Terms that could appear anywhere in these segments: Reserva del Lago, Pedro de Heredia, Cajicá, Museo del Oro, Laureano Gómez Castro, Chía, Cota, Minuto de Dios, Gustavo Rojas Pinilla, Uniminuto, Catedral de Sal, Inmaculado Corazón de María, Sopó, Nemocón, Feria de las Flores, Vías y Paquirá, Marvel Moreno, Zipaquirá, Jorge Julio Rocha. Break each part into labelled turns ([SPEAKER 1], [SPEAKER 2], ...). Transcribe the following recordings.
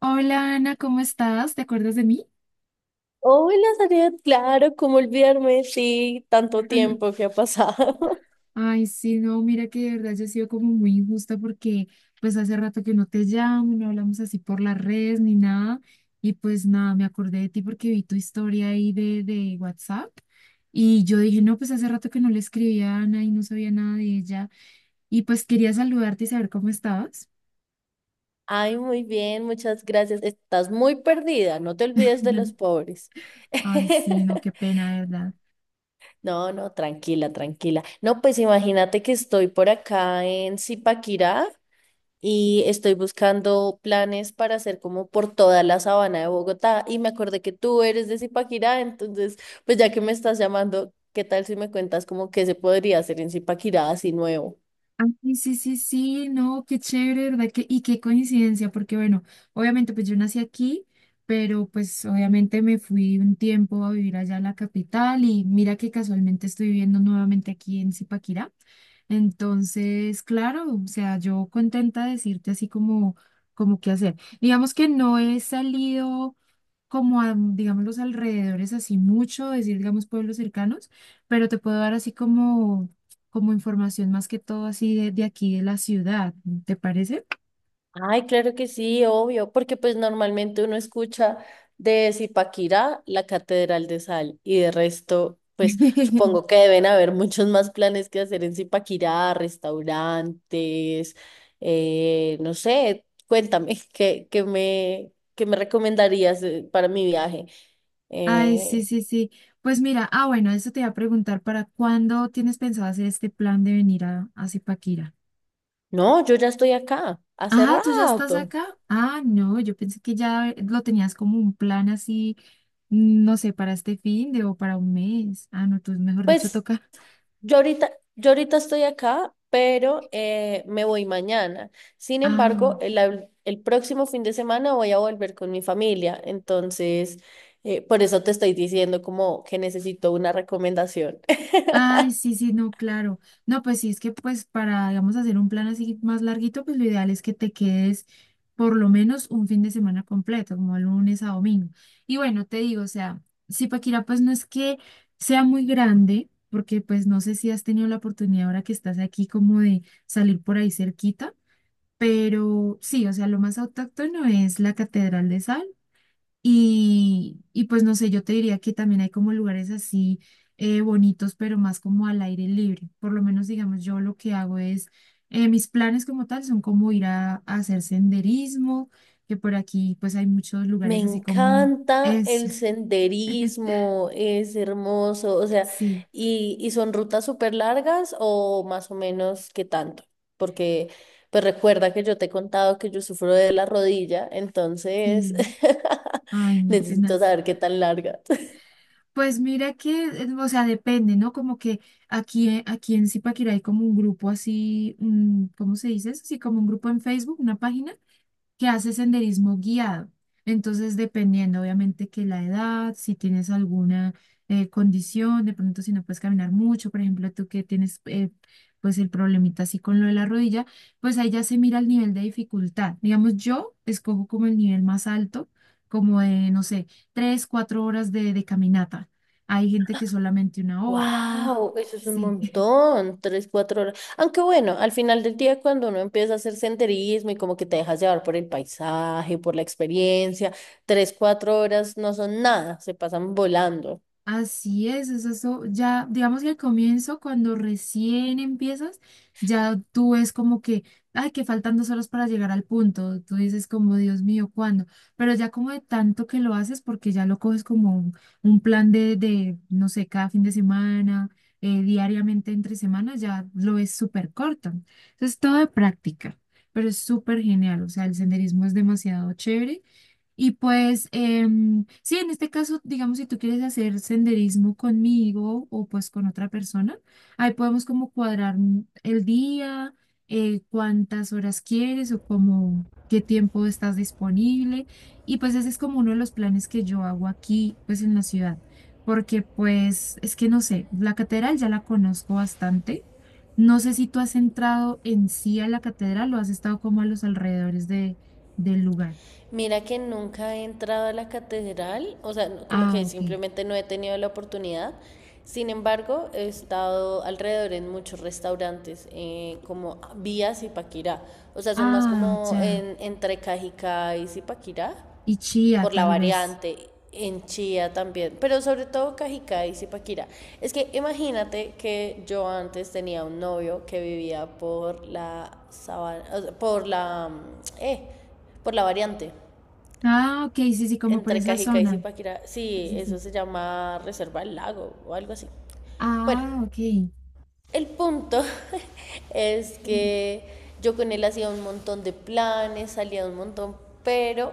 [SPEAKER 1] Hola, Ana, ¿cómo estás? ¿Te acuerdas de mí?
[SPEAKER 2] Hola, Zaret, claro, cómo olvidarme, sí, tanto tiempo que ha pasado.
[SPEAKER 1] Ay, sí, no, mira que de verdad yo he sido como muy injusta porque pues hace rato que no te llamo, no hablamos así por las redes ni nada. Y pues nada, me acordé de ti porque vi tu historia ahí de WhatsApp, y yo dije, no, pues hace rato que no le escribía a Ana y no sabía nada de ella, y pues quería saludarte y saber cómo estabas.
[SPEAKER 2] Ay, muy bien, muchas gracias. Estás muy perdida, no te olvides de los pobres.
[SPEAKER 1] Ay, sí, no, qué pena, de verdad.
[SPEAKER 2] No, no, tranquila, tranquila. No, pues imagínate que estoy por acá en Zipaquirá y estoy buscando planes para hacer como por toda la sabana de Bogotá y me acordé que tú eres de Zipaquirá, entonces, pues ya que me estás llamando, ¿qué tal si me cuentas como qué se podría hacer en Zipaquirá así nuevo?
[SPEAKER 1] Ah, sí, sí, sí, sí, no, qué chévere, ¿verdad? Que y qué coincidencia, porque bueno, obviamente pues yo nací aquí, pero pues obviamente me fui un tiempo a vivir allá a la capital, y mira que casualmente estoy viviendo nuevamente aquí en Zipaquirá. Entonces, claro, o sea, yo contenta de decirte así como qué hacer. Digamos que no he salido como a, digamos, los alrededores así mucho, decir, digamos, pueblos cercanos, pero te puedo dar así como, como información más que todo así de aquí de la ciudad, ¿te parece?
[SPEAKER 2] Ay, claro que sí, obvio, porque pues normalmente uno escucha de Zipaquirá la Catedral de Sal y de resto, pues supongo que deben haber muchos más planes que hacer en Zipaquirá, restaurantes, no sé, cuéntame, ¿qué me recomendarías para mi viaje?
[SPEAKER 1] Ay, sí,
[SPEAKER 2] Eh,
[SPEAKER 1] sí, sí. Pues mira, ah, bueno, eso te iba a preguntar, ¿para cuándo tienes pensado hacer este plan de venir a Zipaquirá?
[SPEAKER 2] no, yo ya estoy acá, hace
[SPEAKER 1] Ah, ¿tú ya estás
[SPEAKER 2] rato.
[SPEAKER 1] acá? Ah, no, yo pensé que ya lo tenías como un plan así, no sé, para este fin de o para un mes. Ah, no, tú mejor dicho,
[SPEAKER 2] Pues
[SPEAKER 1] toca.
[SPEAKER 2] yo ahorita estoy acá, pero me voy mañana. Sin
[SPEAKER 1] Ah.
[SPEAKER 2] embargo, el próximo fin de semana voy a volver con mi familia. Entonces, por eso te estoy diciendo como que necesito una recomendación.
[SPEAKER 1] Ay, sí, sí, no, claro. No, pues sí, es que pues para, digamos, hacer un plan así más larguito, pues lo ideal es que te quedes por lo menos un fin de semana completo, como de lunes a domingo. Y bueno, te digo, o sea, Zipaquirá pues no es que sea muy grande, porque pues no sé si has tenido la oportunidad ahora que estás aquí como de salir por ahí cerquita, pero sí, o sea, lo más autóctono es la Catedral de Sal, y pues no sé, yo te diría que también hay como lugares así bonitos, pero más como al aire libre. Por lo menos, digamos, yo lo que hago es, mis planes como tal son como ir a hacer senderismo, que por aquí pues hay muchos
[SPEAKER 2] Me
[SPEAKER 1] lugares así como
[SPEAKER 2] encanta
[SPEAKER 1] eso.
[SPEAKER 2] el senderismo, es hermoso, o sea,
[SPEAKER 1] Sí,
[SPEAKER 2] y son rutas súper largas o más o menos qué tanto, porque pues recuerda que yo te he contado que yo sufro de la rodilla, entonces
[SPEAKER 1] sí. Ay, no,
[SPEAKER 2] necesito
[SPEAKER 1] tenaz.
[SPEAKER 2] saber qué tan largas.
[SPEAKER 1] Pues mira que, o sea, depende, ¿no? Como que aquí en Zipaquirá hay como un grupo así, ¿cómo se dice eso? Así como un grupo en Facebook, una página que hace senderismo guiado. Entonces, dependiendo obviamente que la edad, si tienes alguna condición, de pronto si no puedes caminar mucho, por ejemplo, tú que tienes pues el problemita así con lo de la rodilla, pues ahí ya se mira el nivel de dificultad. Digamos, yo escojo como el nivel más alto, como de, no sé, 3, 4 horas de caminata. Hay gente que solamente una hora,
[SPEAKER 2] Wow, eso es un
[SPEAKER 1] sí.
[SPEAKER 2] montón, tres, cuatro horas. Aunque bueno, al final del día cuando uno empieza a hacer senderismo y como que te dejas llevar por el paisaje, por la experiencia, tres, cuatro horas no son nada, se pasan volando.
[SPEAKER 1] Así es eso, ya digamos que al comienzo, cuando recién empiezas, ya tú ves como que, ay, que faltan 2 horas para llegar al punto, tú dices como, Dios mío, ¿cuándo? Pero ya como de tanto que lo haces, porque ya lo coges como un plan de, no sé, cada fin de semana, diariamente entre semanas, ya lo ves súper corto. Entonces, todo de práctica, pero es súper genial, o sea, el senderismo es demasiado chévere, y pues, sí, en este caso, digamos, si tú quieres hacer senderismo conmigo o pues con otra persona, ahí podemos como cuadrar el día, cuántas horas quieres o como qué tiempo estás disponible. Y pues ese es como uno de los planes que yo hago aquí, pues en la ciudad, porque pues es que no sé, la catedral ya la conozco bastante. No sé si tú has entrado en sí a la catedral o has estado como a los alrededores de, del lugar.
[SPEAKER 2] Mira que nunca he entrado a la catedral, o sea, como
[SPEAKER 1] Ah,
[SPEAKER 2] que
[SPEAKER 1] ok.
[SPEAKER 2] simplemente no he tenido la oportunidad. Sin embargo, he estado alrededor en muchos restaurantes, como Vías y Paquirá. O sea, son más
[SPEAKER 1] Ah,
[SPEAKER 2] como
[SPEAKER 1] ya.
[SPEAKER 2] entre Cajicá y Zipaquirá
[SPEAKER 1] Y Chía,
[SPEAKER 2] por la
[SPEAKER 1] tal vez.
[SPEAKER 2] variante, en Chía también, pero sobre todo Cajicá y Zipaquirá. Es que imagínate que yo antes tenía un novio que vivía por la sabana, por la mm, eh, por la variante
[SPEAKER 1] Ah, ok, sí, sí, como por
[SPEAKER 2] entre
[SPEAKER 1] esa
[SPEAKER 2] Cajicá y
[SPEAKER 1] zona.
[SPEAKER 2] Zipaquirá.
[SPEAKER 1] Sí,
[SPEAKER 2] Sí,
[SPEAKER 1] sí,
[SPEAKER 2] eso
[SPEAKER 1] sí.
[SPEAKER 2] se llama Reserva del Lago o algo así. Bueno,
[SPEAKER 1] Ah, ok.
[SPEAKER 2] el punto es que yo con él hacía un montón de planes, salía un montón, pero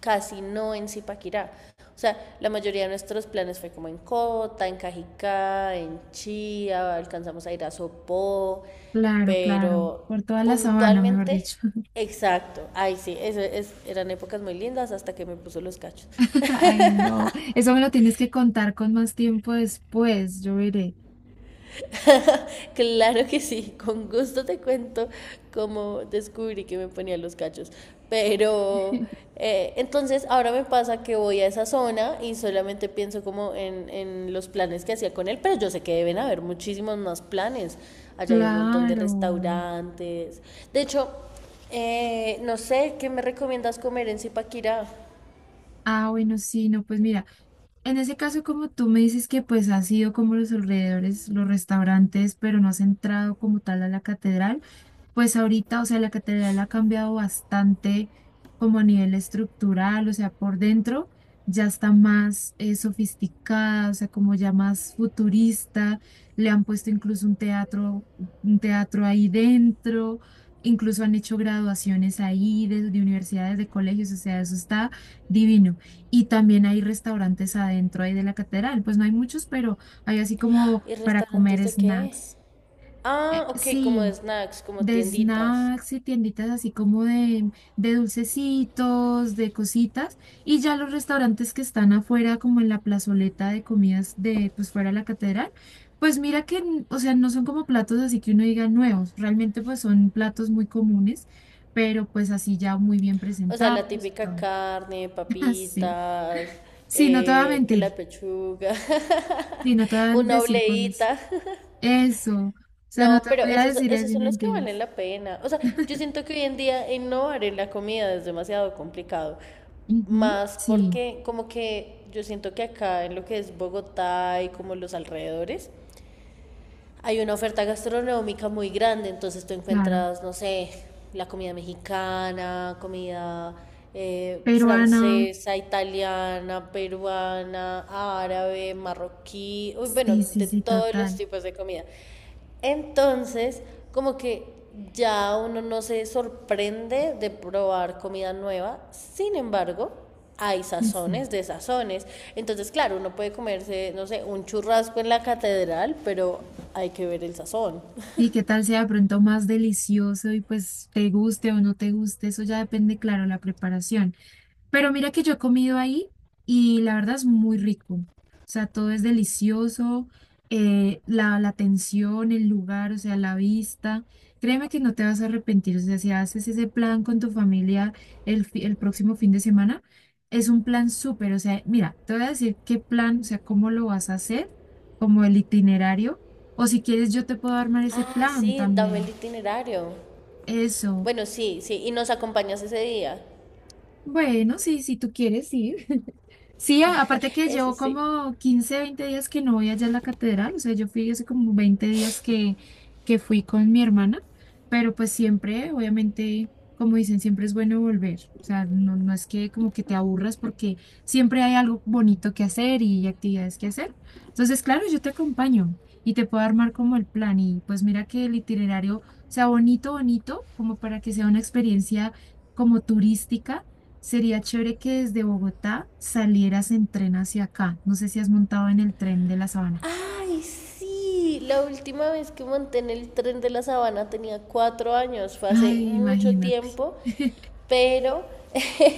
[SPEAKER 2] casi no en Zipaquirá. O sea, la mayoría de nuestros planes fue como en Cota, en Cajicá, en Chía, alcanzamos a ir a Sopó,
[SPEAKER 1] Claro, claro.
[SPEAKER 2] pero
[SPEAKER 1] Por toda la sabana, mejor
[SPEAKER 2] puntualmente,
[SPEAKER 1] dicho.
[SPEAKER 2] exacto, ay sí, eran épocas muy lindas hasta que me puso los cachos.
[SPEAKER 1] Ay, no. Eso me lo tienes que contar con más tiempo después, yo veré.
[SPEAKER 2] Claro que sí, con gusto te cuento cómo descubrí que me ponía los cachos. Pero entonces ahora me pasa que voy a esa zona y solamente pienso como en los planes que hacía con él, pero yo sé que deben haber muchísimos más planes. Allá hay un montón de
[SPEAKER 1] Claro.
[SPEAKER 2] restaurantes. De hecho, no sé, ¿qué me recomiendas comer en Zipaquirá?
[SPEAKER 1] Ah, bueno, sí, no, pues mira, en ese caso, como tú me dices que pues has ido como los alrededores, los restaurantes, pero no has entrado como tal a la catedral, pues ahorita, o sea, la catedral ha cambiado bastante como a nivel estructural, o sea, por dentro ya está más sofisticada, o sea, como ya más futurista. Le han puesto incluso un teatro ahí dentro. Incluso han hecho graduaciones ahí de universidades, de colegios, o sea, eso está divino. Y también hay restaurantes adentro ahí de la catedral. Pues no hay muchos, pero hay así como
[SPEAKER 2] ¿Y
[SPEAKER 1] para
[SPEAKER 2] restaurantes
[SPEAKER 1] comer
[SPEAKER 2] de qué?
[SPEAKER 1] snacks. Eh,
[SPEAKER 2] Ah, ok, como de
[SPEAKER 1] sí,
[SPEAKER 2] snacks, como
[SPEAKER 1] de
[SPEAKER 2] tienditas.
[SPEAKER 1] snacks y tienditas así como de dulcecitos, de cositas. Y ya los restaurantes que están afuera, como en la plazoleta de comidas de, pues fuera de la catedral, pues mira que, o sea, no son como platos así que uno diga nuevos. Realmente pues son platos muy comunes, pero pues así ya muy bien
[SPEAKER 2] O sea, la
[SPEAKER 1] presentados y
[SPEAKER 2] típica
[SPEAKER 1] todo.
[SPEAKER 2] carne,
[SPEAKER 1] Así.
[SPEAKER 2] papitas,
[SPEAKER 1] Sí, no te voy a
[SPEAKER 2] que la
[SPEAKER 1] mentir.
[SPEAKER 2] pechuga,
[SPEAKER 1] Sí, no te voy a
[SPEAKER 2] una
[SPEAKER 1] decir cosas.
[SPEAKER 2] obleíta.
[SPEAKER 1] Eso. O sea, no
[SPEAKER 2] No,
[SPEAKER 1] te
[SPEAKER 2] pero
[SPEAKER 1] voy a
[SPEAKER 2] esos,
[SPEAKER 1] decir
[SPEAKER 2] esos
[SPEAKER 1] así
[SPEAKER 2] son los que valen
[SPEAKER 1] mentiras.
[SPEAKER 2] la pena. O sea, yo siento que hoy en día innovar en la comida es demasiado complicado.
[SPEAKER 1] Ujú,
[SPEAKER 2] Más
[SPEAKER 1] sí,
[SPEAKER 2] porque como que yo siento que acá en lo que es Bogotá y como los alrededores, hay una oferta gastronómica muy grande, entonces tú
[SPEAKER 1] claro.
[SPEAKER 2] encuentras, no sé, la comida mexicana, comida
[SPEAKER 1] Peruana.
[SPEAKER 2] francesa, italiana, peruana, árabe, marroquí, uy, bueno,
[SPEAKER 1] Sí, sí,
[SPEAKER 2] de
[SPEAKER 1] sí,
[SPEAKER 2] todos los
[SPEAKER 1] total.
[SPEAKER 2] tipos de comida. Entonces, como que ya uno no se sorprende de probar comida nueva. Sin embargo, hay
[SPEAKER 1] Sí.
[SPEAKER 2] sazones de sazones. Entonces, claro, uno puede comerse, no sé, un churrasco en la catedral, pero hay que ver el sazón.
[SPEAKER 1] Y qué tal sea de pronto más delicioso y pues te guste o no te guste, eso ya depende, claro, la preparación. Pero mira que yo he comido ahí y la verdad es muy rico. O sea, todo es delicioso, la atención, el lugar, o sea, la vista. Créeme que no te vas a arrepentir. O sea, si haces ese plan con tu familia el próximo fin de semana, es un plan súper. O sea, mira, te voy a decir qué plan, o sea, cómo lo vas a hacer, como el itinerario. O si quieres, yo te puedo armar ese
[SPEAKER 2] Ah,
[SPEAKER 1] plan
[SPEAKER 2] sí, dame el
[SPEAKER 1] también.
[SPEAKER 2] itinerario.
[SPEAKER 1] Eso.
[SPEAKER 2] Bueno, sí, sí, y nos acompañas ese día.
[SPEAKER 1] Bueno, sí, si tú quieres, sí. Sí, aparte que
[SPEAKER 2] Eso
[SPEAKER 1] llevo
[SPEAKER 2] sí.
[SPEAKER 1] como 15, 20 días que no voy allá a la catedral, o sea, yo fui hace como 20 días que fui con mi hermana, pero pues siempre, obviamente, como dicen, siempre es bueno volver, o sea, no, no es que como que te aburras porque siempre hay algo bonito que hacer y actividades que hacer. Entonces, claro, yo te acompaño y te puedo armar como el plan y pues mira que el itinerario sea bonito, bonito, como para que sea una experiencia como turística. Sería chévere que desde Bogotá salieras en tren hacia acá. No sé si has montado en el tren de la Sabana.
[SPEAKER 2] Ay, sí, la última vez que monté en el tren de la sabana tenía 4 años, fue hace
[SPEAKER 1] Ay,
[SPEAKER 2] mucho
[SPEAKER 1] imagínate.
[SPEAKER 2] tiempo, pero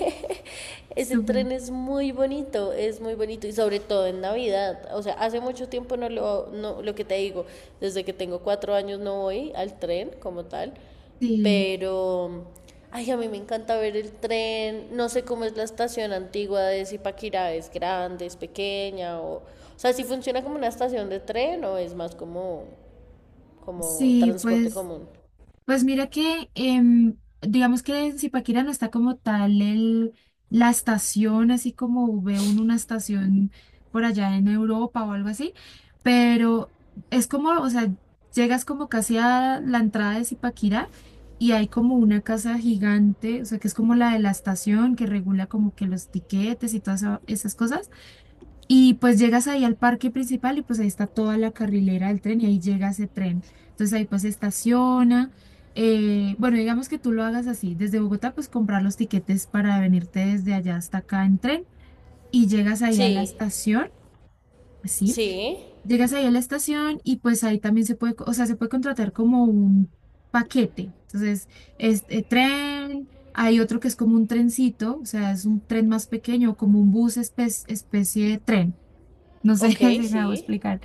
[SPEAKER 2] ese
[SPEAKER 1] Súper.
[SPEAKER 2] tren es muy bonito y sobre todo en Navidad, o sea, hace mucho tiempo no, lo que te digo, desde que tengo 4 años no voy al tren como tal,
[SPEAKER 1] Sí,
[SPEAKER 2] pero Ay, a mí me encanta ver el tren. No sé cómo es la estación antigua de Zipaquirá, es grande, es pequeña, o sea, si funciona como una estación de tren o es más como
[SPEAKER 1] sí,
[SPEAKER 2] transporte
[SPEAKER 1] pues
[SPEAKER 2] común.
[SPEAKER 1] Pues mira que, digamos que en Zipaquirá no está como tal el, la estación, así como ve uno una estación por allá en Europa o algo así, pero es como, o sea, llegas como casi a la entrada de Zipaquirá y hay como una casa gigante, o sea, que es como la de la estación que regula como que los tiquetes y todas esas cosas. Y pues llegas ahí al parque principal y pues ahí está toda la carrilera del tren y ahí llega ese tren. Entonces ahí pues estaciona. Bueno, digamos que tú lo hagas así. Desde Bogotá pues comprar los tiquetes para venirte desde allá hasta acá en tren y llegas ahí a la
[SPEAKER 2] Sí,
[SPEAKER 1] estación. Así.
[SPEAKER 2] sí,
[SPEAKER 1] Llegas ahí a la estación y pues ahí también se puede, o sea, se puede contratar como un paquete. Entonces, este tren, hay otro que es como un trencito, o sea, es un tren más pequeño, como un bus especie de tren. No sé
[SPEAKER 2] ok,
[SPEAKER 1] si me hago
[SPEAKER 2] sí.
[SPEAKER 1] explicar.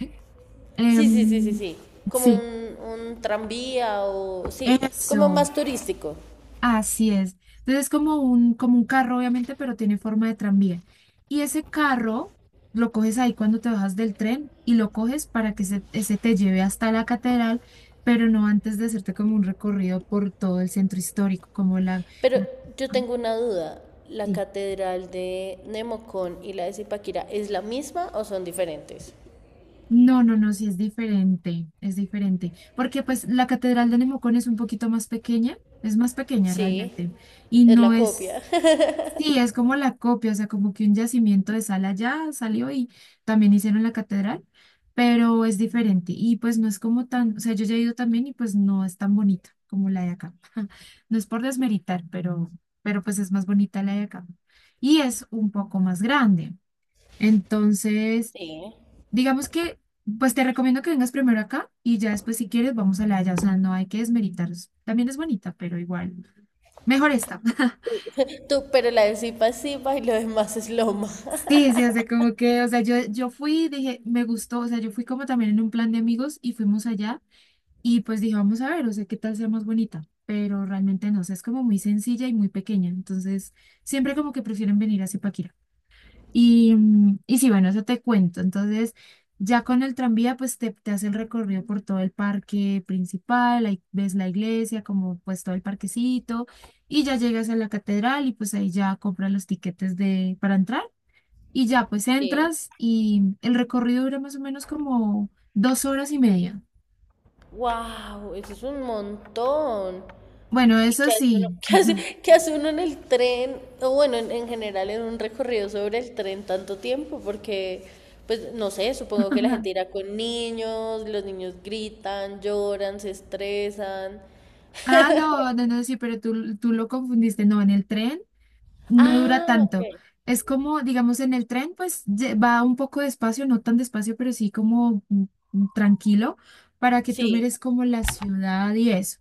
[SPEAKER 2] Sí, sí, sí, sí,
[SPEAKER 1] Em,
[SPEAKER 2] sí. Como
[SPEAKER 1] sí,
[SPEAKER 2] un tranvía o sí, como
[SPEAKER 1] eso,
[SPEAKER 2] más turístico.
[SPEAKER 1] así es. Entonces es como un, carro, obviamente, pero tiene forma de tranvía. Y ese carro lo coges ahí cuando te bajas del tren y lo coges para que se, ese te lleve hasta la catedral, pero no antes de hacerte como un recorrido por todo el centro histórico, como la...
[SPEAKER 2] Pero
[SPEAKER 1] la-
[SPEAKER 2] yo
[SPEAKER 1] ah,
[SPEAKER 2] tengo una duda. ¿La
[SPEAKER 1] sí.
[SPEAKER 2] catedral de Nemocón y la de Zipaquirá es la misma o son diferentes?
[SPEAKER 1] No, no, no, sí es diferente, porque pues la Catedral de Nemocón es un poquito más pequeña, es más pequeña
[SPEAKER 2] Sí,
[SPEAKER 1] realmente, y
[SPEAKER 2] es
[SPEAKER 1] no
[SPEAKER 2] la copia.
[SPEAKER 1] es, sí, es como la copia, o sea, como que un yacimiento de sal allá salió y también hicieron la catedral, pero es diferente, y pues no es como tan, o sea, yo ya he ido también y pues no es tan bonita como la de acá, no es por desmeritar, pero pues es más bonita la de acá, y es un poco más grande. Entonces,
[SPEAKER 2] Sí,
[SPEAKER 1] digamos que, pues te recomiendo que vengas primero acá y ya después si quieres vamos a la de allá, o sea, no hay que desmeritar. También es bonita, pero igual, mejor esta.
[SPEAKER 2] tú, pero la de Zipa es Zipa y lo demás es Loma.
[SPEAKER 1] Sí, sí, o sea, como que, o sea, yo fui, dije, me gustó, o sea, yo fui como también en un plan de amigos y fuimos allá, y pues dije, vamos a ver, o sea, qué tal sea más bonita, pero realmente no, o sea, es como muy sencilla y muy pequeña, entonces siempre como que prefieren venir a Zipaquirá. Y sí, bueno, eso te cuento. Entonces, ya con el tranvía, pues te hace el recorrido por todo el parque principal, ahí ves la iglesia, como pues todo el parquecito, y ya llegas a la catedral y pues ahí ya compras los tiquetes de, para entrar y ya pues
[SPEAKER 2] sí.
[SPEAKER 1] entras y el recorrido dura más o menos como 2 horas y media.
[SPEAKER 2] ¡Wow! Eso es un montón.
[SPEAKER 1] Bueno,
[SPEAKER 2] ¿Y
[SPEAKER 1] eso
[SPEAKER 2] qué hace uno?
[SPEAKER 1] sí.
[SPEAKER 2] ¿Qué hace uno en el tren? O bueno, en general en un recorrido sobre el tren tanto tiempo, porque, pues, no sé, supongo que la gente irá con niños, los niños gritan, lloran, se estresan.
[SPEAKER 1] Ah, no, no, no, sí, pero tú lo confundiste. No, en el tren no dura
[SPEAKER 2] Ah, ok.
[SPEAKER 1] tanto. Es como, digamos, en el tren, pues va un poco despacio, no tan despacio, pero sí como tranquilo, para que tú
[SPEAKER 2] Sí.
[SPEAKER 1] mires como la ciudad y eso.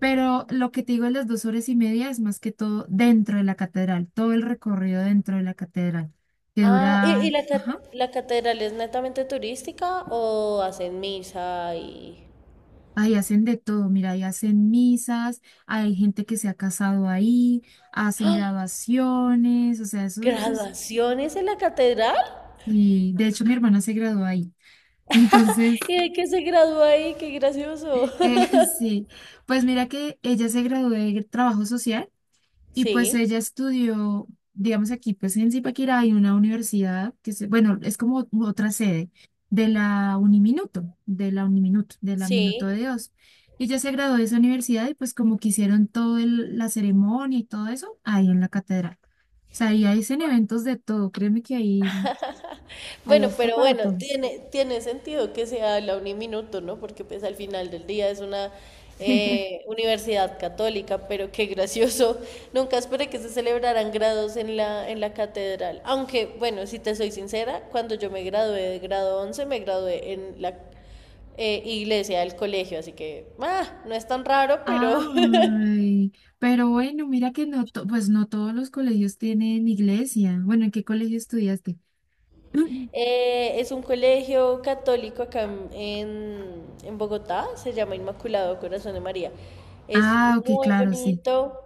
[SPEAKER 1] Pero lo que te digo de las 2 horas y media es más que todo dentro de la catedral, todo el recorrido dentro de la catedral, que
[SPEAKER 2] Ah, ¿y
[SPEAKER 1] dura,
[SPEAKER 2] la, ca-
[SPEAKER 1] ajá,
[SPEAKER 2] la catedral es netamente turística o hacen misa y...
[SPEAKER 1] ahí hacen de todo, mira, ahí hacen misas, hay gente que se ha casado ahí, hacen
[SPEAKER 2] ¡Ah!
[SPEAKER 1] graduaciones, o sea, eso es,
[SPEAKER 2] ¿Graduaciones en la catedral?
[SPEAKER 1] y de hecho mi hermana se graduó ahí. Entonces,
[SPEAKER 2] ¿Y de qué se graduó ahí? ¡Qué gracioso!
[SPEAKER 1] Sí, pues mira que ella se graduó de trabajo social y pues
[SPEAKER 2] Sí,
[SPEAKER 1] ella estudió, digamos aquí, pues en Zipaquirá hay una universidad que se, bueno, es como otra sede de la Uniminuto, de la Minuto de
[SPEAKER 2] sí.
[SPEAKER 1] Dios. Y ella se graduó de esa universidad y pues como que hicieron toda la ceremonia y todo eso ahí en la catedral. O sea, ahí hacen eventos de todo, créeme que ahí
[SPEAKER 2] Bueno,
[SPEAKER 1] está
[SPEAKER 2] pero
[SPEAKER 1] para
[SPEAKER 2] bueno,
[SPEAKER 1] todo.
[SPEAKER 2] tiene sentido que sea la Uniminuto, ¿no? Porque pues al final del día es una universidad católica, pero qué gracioso. Nunca esperé que se celebraran grados en la catedral. Aunque, bueno, si te soy sincera, cuando yo me gradué de grado 11, me gradué en la iglesia del colegio, así que, ah, no es tan raro, pero
[SPEAKER 1] Ay, pero bueno, mira que no, pues no todos los colegios tienen iglesia. Bueno, ¿en qué colegio estudiaste?
[SPEAKER 2] Es un colegio católico acá en Bogotá, se llama Inmaculado Corazón de María. Es
[SPEAKER 1] Ah, ok,
[SPEAKER 2] muy
[SPEAKER 1] claro, sí.
[SPEAKER 2] bonito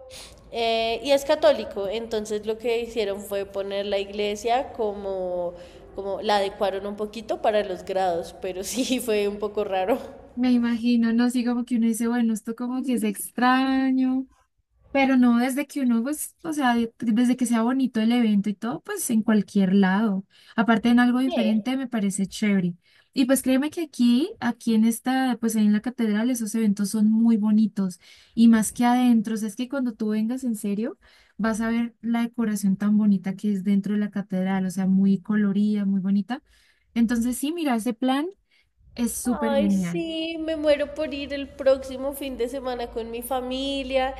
[SPEAKER 2] y es católico, entonces lo que hicieron fue poner la iglesia como, como la adecuaron un poquito para los grados, pero sí fue un poco raro.
[SPEAKER 1] Me imagino, no, sí, como que uno dice, bueno, esto como que es extraño, pero no desde que uno, pues, o sea, desde que sea bonito el evento y todo, pues en cualquier lado. Aparte en algo
[SPEAKER 2] ¿Qué?
[SPEAKER 1] diferente me parece chévere. Y pues créeme que aquí, en esta, pues ahí en la catedral, esos eventos son muy bonitos. Y más que adentro, o sea, es que cuando tú vengas en serio, vas a ver la decoración tan bonita que es dentro de la catedral, o sea, muy colorida, muy bonita. Entonces sí, mira, ese plan es súper
[SPEAKER 2] Ay,
[SPEAKER 1] genial.
[SPEAKER 2] sí, me muero por ir el próximo fin de semana con mi familia.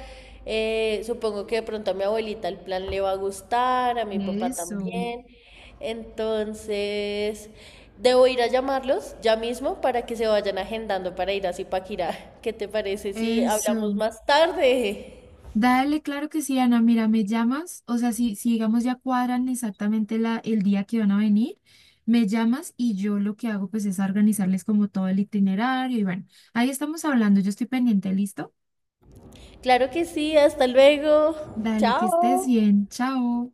[SPEAKER 2] Supongo que de pronto a mi abuelita el plan le va a gustar, a mi papá
[SPEAKER 1] Eso,
[SPEAKER 2] también. Entonces, debo ir a llamarlos ya mismo para que se vayan agendando para ir a Zipaquirá. ¿Qué te parece si hablamos
[SPEAKER 1] eso.
[SPEAKER 2] más tarde?
[SPEAKER 1] Dale, claro que sí, Ana. Mira, me llamas, o sea, si digamos ya cuadran exactamente la, el día que van a venir, me llamas y yo lo que hago pues es organizarles como todo el itinerario y bueno, ahí estamos hablando, yo estoy pendiente, ¿listo?
[SPEAKER 2] Claro que sí, hasta luego.
[SPEAKER 1] Dale, que estés
[SPEAKER 2] Chao.
[SPEAKER 1] bien, chao.